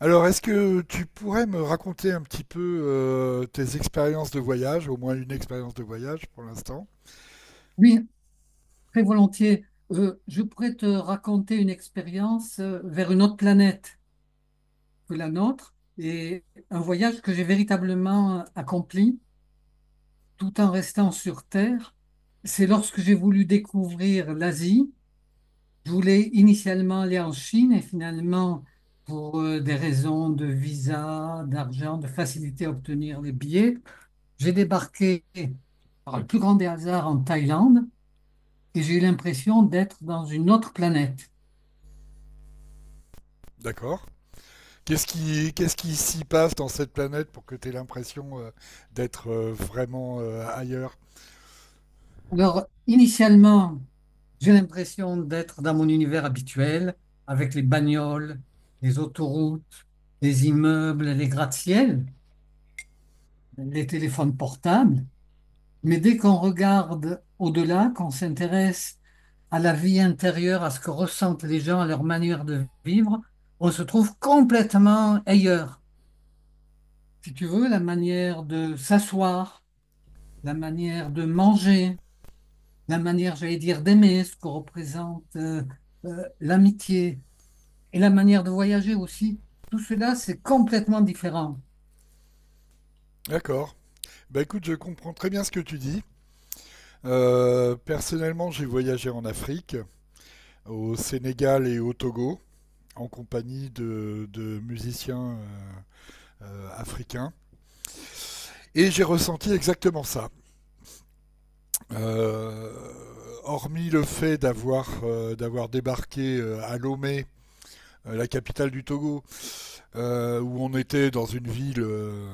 Alors, est-ce que tu pourrais me raconter un petit peu tes expériences de voyage, au moins une expérience de voyage pour l'instant? Oui, très volontiers. Je pourrais te raconter une expérience vers une autre planète que la nôtre et un voyage que j'ai véritablement accompli tout en restant sur Terre. C'est lorsque j'ai voulu découvrir l'Asie. Je voulais initialement aller en Chine et finalement, pour des raisons de visa, d'argent, de facilité à obtenir les billets, j'ai débarqué par le plus grand des hasards en Thaïlande et j'ai eu l'impression d'être dans une autre planète. D'accord. Qu'est-ce qui s'y passe dans cette planète pour que tu aies l'impression d'être vraiment ailleurs? Alors, initialement, j'ai l'impression d'être dans mon univers habituel, avec les bagnoles, les autoroutes, les immeubles, les gratte-ciel, les téléphones portables. Mais dès qu'on regarde au-delà, qu'on s'intéresse à la vie intérieure, à ce que ressentent les gens, à leur manière de vivre, on se trouve complètement ailleurs. Si tu veux, la manière de s'asseoir, la manière de manger, la manière, j'allais dire, d'aimer, ce que représente l'amitié et la manière de voyager aussi, tout cela, c'est complètement différent. D'accord. Bah écoute, je comprends très bien ce que tu dis. Personnellement, j'ai voyagé en Afrique, au Sénégal et au Togo, en compagnie de musiciens africains, et j'ai ressenti exactement ça. Euh, Hormis le fait d'avoir débarqué à Lomé, la capitale du Togo, où on était dans une ville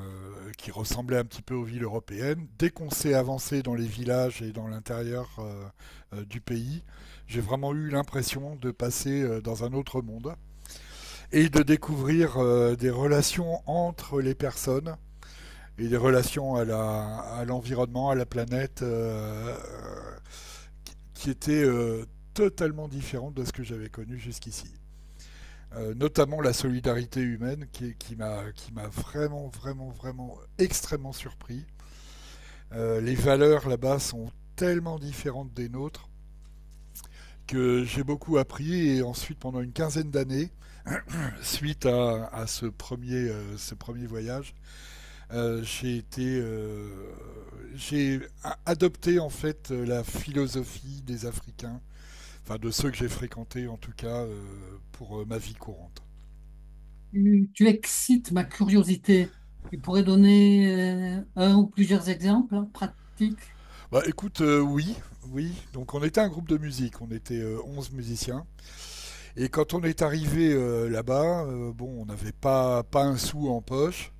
qui ressemblait un petit peu aux villes européennes, dès qu'on s'est avancé dans les villages et dans l'intérieur du pays, j'ai vraiment eu l'impression de passer dans un autre monde et de découvrir des relations entre les personnes et des relations à l'environnement, à la planète, qui étaient totalement différentes de ce que j'avais connu jusqu'ici. Notamment la solidarité humaine qui m'a vraiment vraiment vraiment extrêmement surpris. Les valeurs là-bas sont tellement différentes des nôtres que j'ai beaucoup appris, et ensuite pendant une quinzaine d'années, suite à ce premier voyage, Euh, j'ai été, euh, j'ai adopté en fait la philosophie des Africains, enfin de ceux que j'ai fréquentés en tout cas, pour ma vie courante. Tu excites ma curiosité. Tu pourrais donner un ou plusieurs exemples, hein, pratiques. Bah écoute, oui, oui. Donc on était un groupe de musique, on était 11 musiciens. Et quand on est arrivé là-bas, bon, on n'avait pas un sou en poche.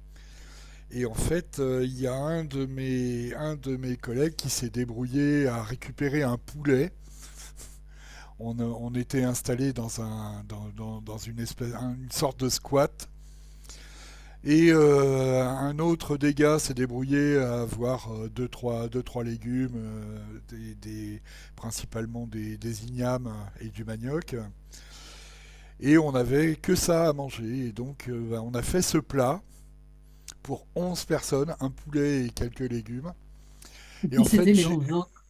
Et en fait, il y a un de mes collègues qui s'est débrouillé à récupérer un poulet. On était installé dans, un, dans, dans, dans une, espèce, une sorte de squat. Et un autre des gars s'est débrouillé à avoir deux, trois légumes, des, des, principalement ignames et du manioc. Et on n'avait que ça à manger. Et donc bah, on a fait ce plat pour 11 personnes, un poulet et quelques légumes. Et Et puis, en fait, c'était les 11 autres.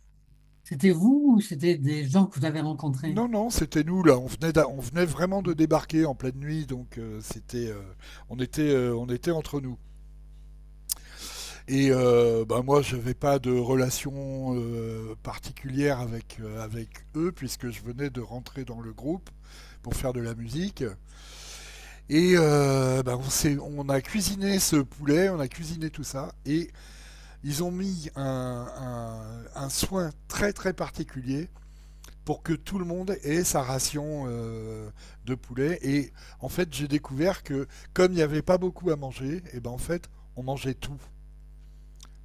C'était vous ou c'était des gens que vous avez rencontrés? non, non, c'était nous là. On venait vraiment de débarquer en pleine nuit. Donc on était entre nous. Et bah, moi, je n'avais pas de relation particulière avec eux, puisque je venais de rentrer dans le groupe pour faire de la musique. Et bah, on a cuisiné ce poulet, on a cuisiné tout ça, et ils ont mis un soin très très particulier pour que tout le monde ait sa ration de poulet. Et en fait, j'ai découvert que comme il n'y avait pas beaucoup à manger, et ben en fait, on mangeait tout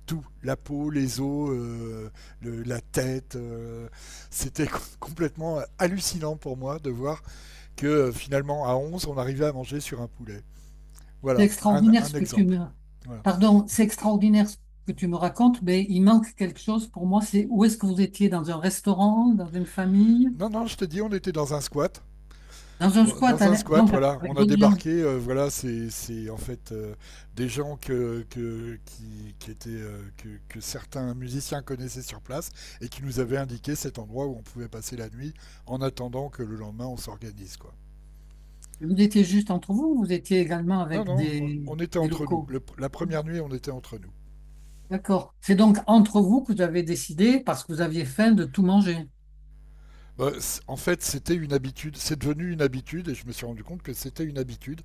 tout, la peau, les os, la tête. C'était complètement hallucinant pour moi de voir que finalement à 11, on arrivait à manger sur un poulet. C'est Voilà, un, extraordinaire un ce que tu exemple. me... Voilà. Pardon, c'est extraordinaire ce que tu me racontes, mais il manque quelque chose pour moi. C'est où est-ce que vous étiez? Dans un restaurant, dans une famille? Non, non, je te dis, on était dans un squat. Dans un Dans, squat, dans à un l'in- squat, donc voilà, on avec a d'autres gens. débarqué, voilà, c'est en fait des gens que, qui étaient, que certains musiciens connaissaient sur place et qui nous avaient indiqué cet endroit où on pouvait passer la nuit en attendant que le lendemain on s'organise, quoi. Vous étiez juste entre vous, ou vous étiez également Non, avec non, on, on était des entre nous. locaux. La première nuit, on était entre nous. D'accord. C'est donc entre vous que vous avez décidé, parce que vous aviez faim, de tout manger. Bah, en fait, c'était une habitude, c'est devenu une habitude, et je me suis rendu compte que c'était une habitude,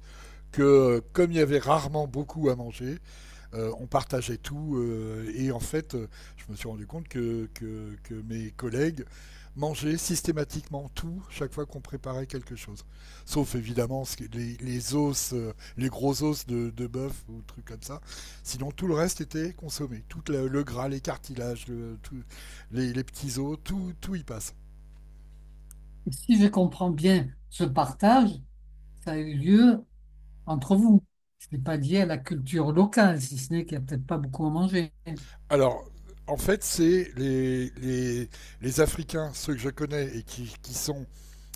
que comme il y avait rarement beaucoup à manger, on partageait tout, et en fait, je me suis rendu compte que, que mes collègues mangeaient systématiquement tout chaque fois qu'on préparait quelque chose. Sauf évidemment les os, les gros os de bœuf ou trucs comme ça. Sinon, tout le reste était consommé. Tout le gras, les cartilages, les petits os, tout, tout y passe. Et si je comprends bien, ce partage, ça a eu lieu entre vous. Ce n'est pas lié à la culture locale, si ce n'est qu'il n'y a peut-être pas beaucoup à manger. Alors, en fait, c'est les, les Africains, ceux que je connais et qui sont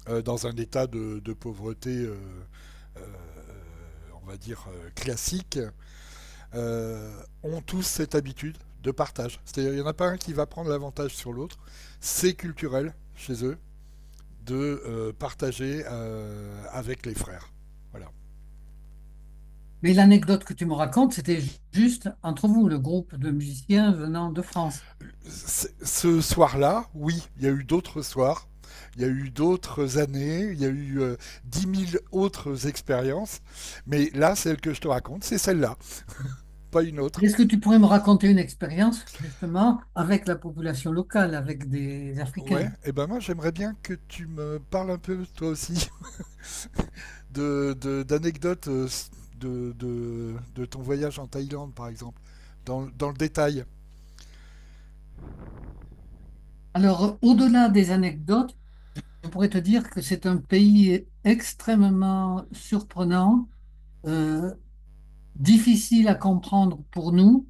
dans un état de pauvreté, euh, on va dire, classique, euh, ont tous cette habitude de partage. C'est-à-dire, il n'y en a pas un qui va prendre l'avantage sur l'autre. C'est culturel chez eux de partager avec les frères. Voilà. Mais l'anecdote que tu me racontes, c'était ju- juste entre vous, le groupe de musiciens venant de France. Ce soir-là, oui, il y a eu d'autres soirs, il y a eu d'autres années, il y a eu 10 000 autres expériences, mais là, celle que je te raconte, c'est celle-là, pas une autre. Est-ce que tu pourrais me raconter une expérience justement avec la population locale, avec des Ouais, Africains? et ben moi j'aimerais bien que tu me parles un peu toi aussi d'anecdotes de ton voyage en Thaïlande par exemple, dans le détail. Alors, au-delà des anecdotes, je pourrais te dire que c'est un pays extrêmement surprenant, euh, difficile à comprendre pour nous,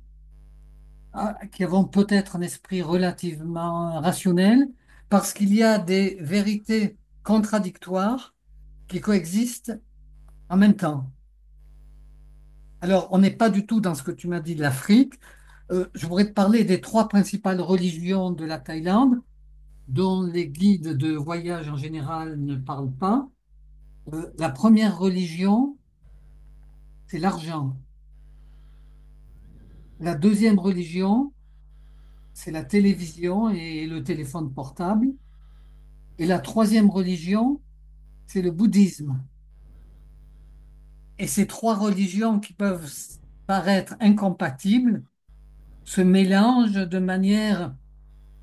ah, qui avons peut-être un esprit relativement rationnel, parce qu'il y a des vérités contradictoires qui coexistent en même temps. Alors, on n'est pas du tout dans ce que tu m'as dit de l'Afrique. Je voudrais te parler des trois principales religions de la Thaïlande, dont les guides de voyage en général ne parlent pas. La première religion, c'est l'argent. La deuxième religion, c'est la télévision et le téléphone portable. Et la troisième religion, c'est le bouddhisme. Et ces trois religions qui peuvent s- paraître incompatibles se mélangent de manière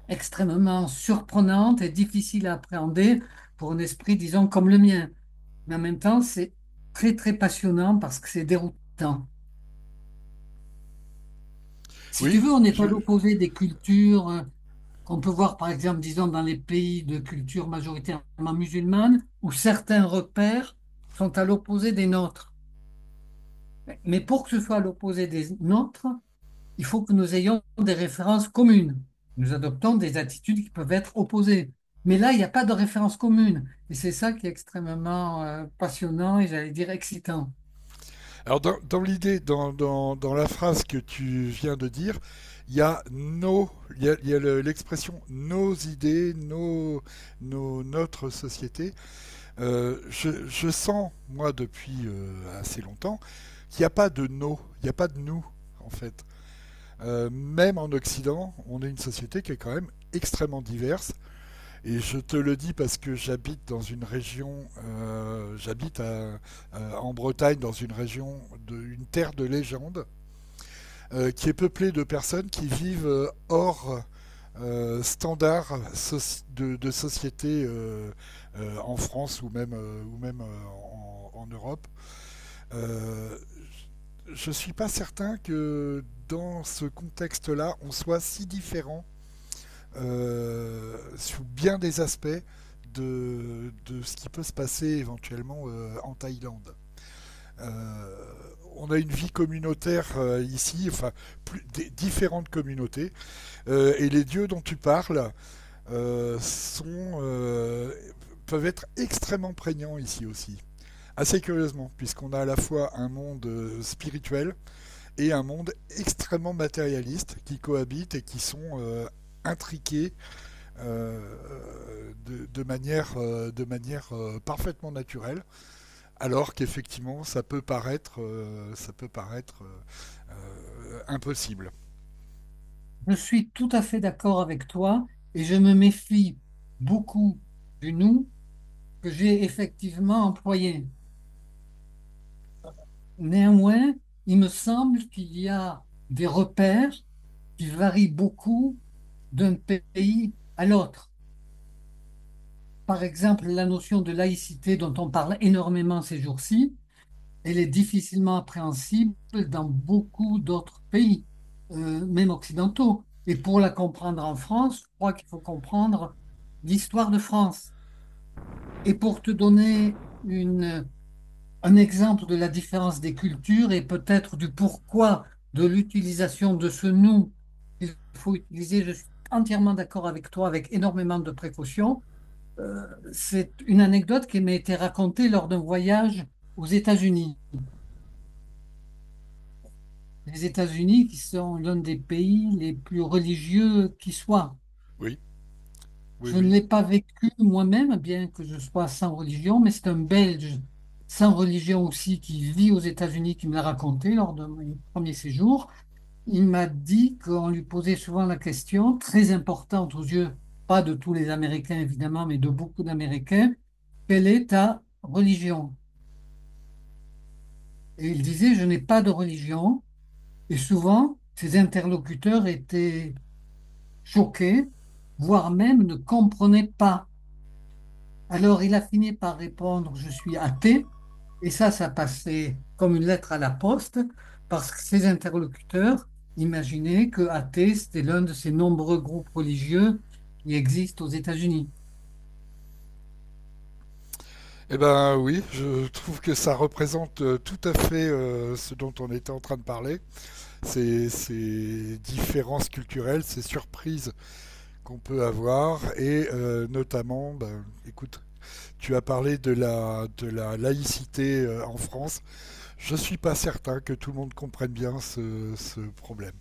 extrêmement surprenante et difficile à appréhender pour un esprit, disons, comme le mien. Mais en même temps, c'est très, très passionnant parce que c'est déroutant. Si tu Oui, veux, on est je... à l'opposé des cultures qu'on peut voir, par exemple, disons, dans les pays de culture majoritairement musulmane, où certains repères sont à l'opposé des nôtres. Mais pour que ce soit à l'opposé des nôtres, il faut que nous ayons des références communes. Nous adoptons des attitudes qui peuvent être opposées. Mais là, il n'y a pas de référence commune. Et c'est ça qui est extrêmement passionnant et j'allais dire excitant. alors dans l'idée, dans la phrase que tu viens de dire, il y a nos, il y a le- l'expression nos idées, notre société. Je sens moi depuis assez longtemps qu'il n'y a pas de nos, il n'y a pas de nous en fait. Même en Occident, on est une société qui est quand même extrêmement diverse. Et je te le dis parce que j'habite en Bretagne, dans une région, une terre de légende, qui est peuplée de personnes qui vivent hors standard de société en France ou même, en Europe. Euh, je ne suis pas certain que dans ce contexte-là, on soit si différent, sous bien des aspects, de ce qui peut se passer éventuellement en Thaïlande. Euh, on a une vie communautaire ici, enfin plus, différentes communautés, et les dieux dont tu parles euh, sont, euh, peuvent être extrêmement prégnants ici aussi. Assez curieusement, puisqu'on a à la fois un monde spirituel et un monde extrêmement matérialiste qui cohabitent et qui sont intriqués, de manière parfaitement naturelle, alors qu'effectivement ça peut paraître impossible. Je suis tout à fait d'accord avec toi et je me méfie beaucoup du nous que j'ai effectivement employé. Néanmoins, il me semble qu'il y a des repères qui varient beaucoup d'un pays à l'autre. Par exemple, la notion de laïcité dont on parle énormément ces jours-ci, elle est difficilement appréhensible dans beaucoup d'autres pays, même occidentaux. Et pour la comprendre en France, je crois qu'il faut comprendre l'histoire de France. Et pour te donner une- un exemple de la différence des cultures et peut-être du pourquoi de l'utilisation de ce nous qu'il faut utiliser, je suis entièrement d'accord avec toi, avec énormément de précautions. Euh, c'est une anecdote qui m'a été racontée lors d'un voyage aux États-Unis. Les États-Unis qui sont l'un des pays les plus religieux qui soit. Oui, oui, Je ne oui. l'ai pas vécu moi-même, bien que je sois sans religion, mais c'est un Belge sans religion aussi qui vit aux États-Unis qui me l'a raconté lors de mon premier séjour. Il m'a dit qu'on lui posait souvent la question, très importante aux yeux, pas de tous les Américains évidemment, mais de beaucoup d'Américains, quelle est ta religion? Et il disait, je n'ai pas de religion. Et souvent, ses interlocuteurs étaient choqués, voire même ne comprenaient pas. Alors, il a fini par répondre, je suis athée. Et ça passait comme une lettre à la poste, parce que ses interlocuteurs imaginaient que athée, c'était l'un de ces nombreux groupes religieux qui existent aux États-Unis. Eh ben oui, je trouve que ça représente tout à fait ce dont on était en train de parler. Ces différences culturelles, ces surprises qu'on peut avoir et notamment, ben, écoute, tu as parlé de la laïcité en France. Je suis pas certain que tout le monde comprenne bien ce problème.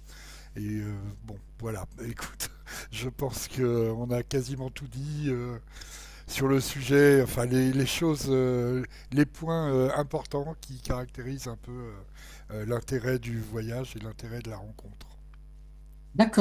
Et bon, voilà, écoute, je pense qu'on a quasiment tout dit sur le sujet, enfin les, choses, les points importants qui caractérisent un peu l'intérêt du voyage et l'intérêt de la rencontre. D'accord.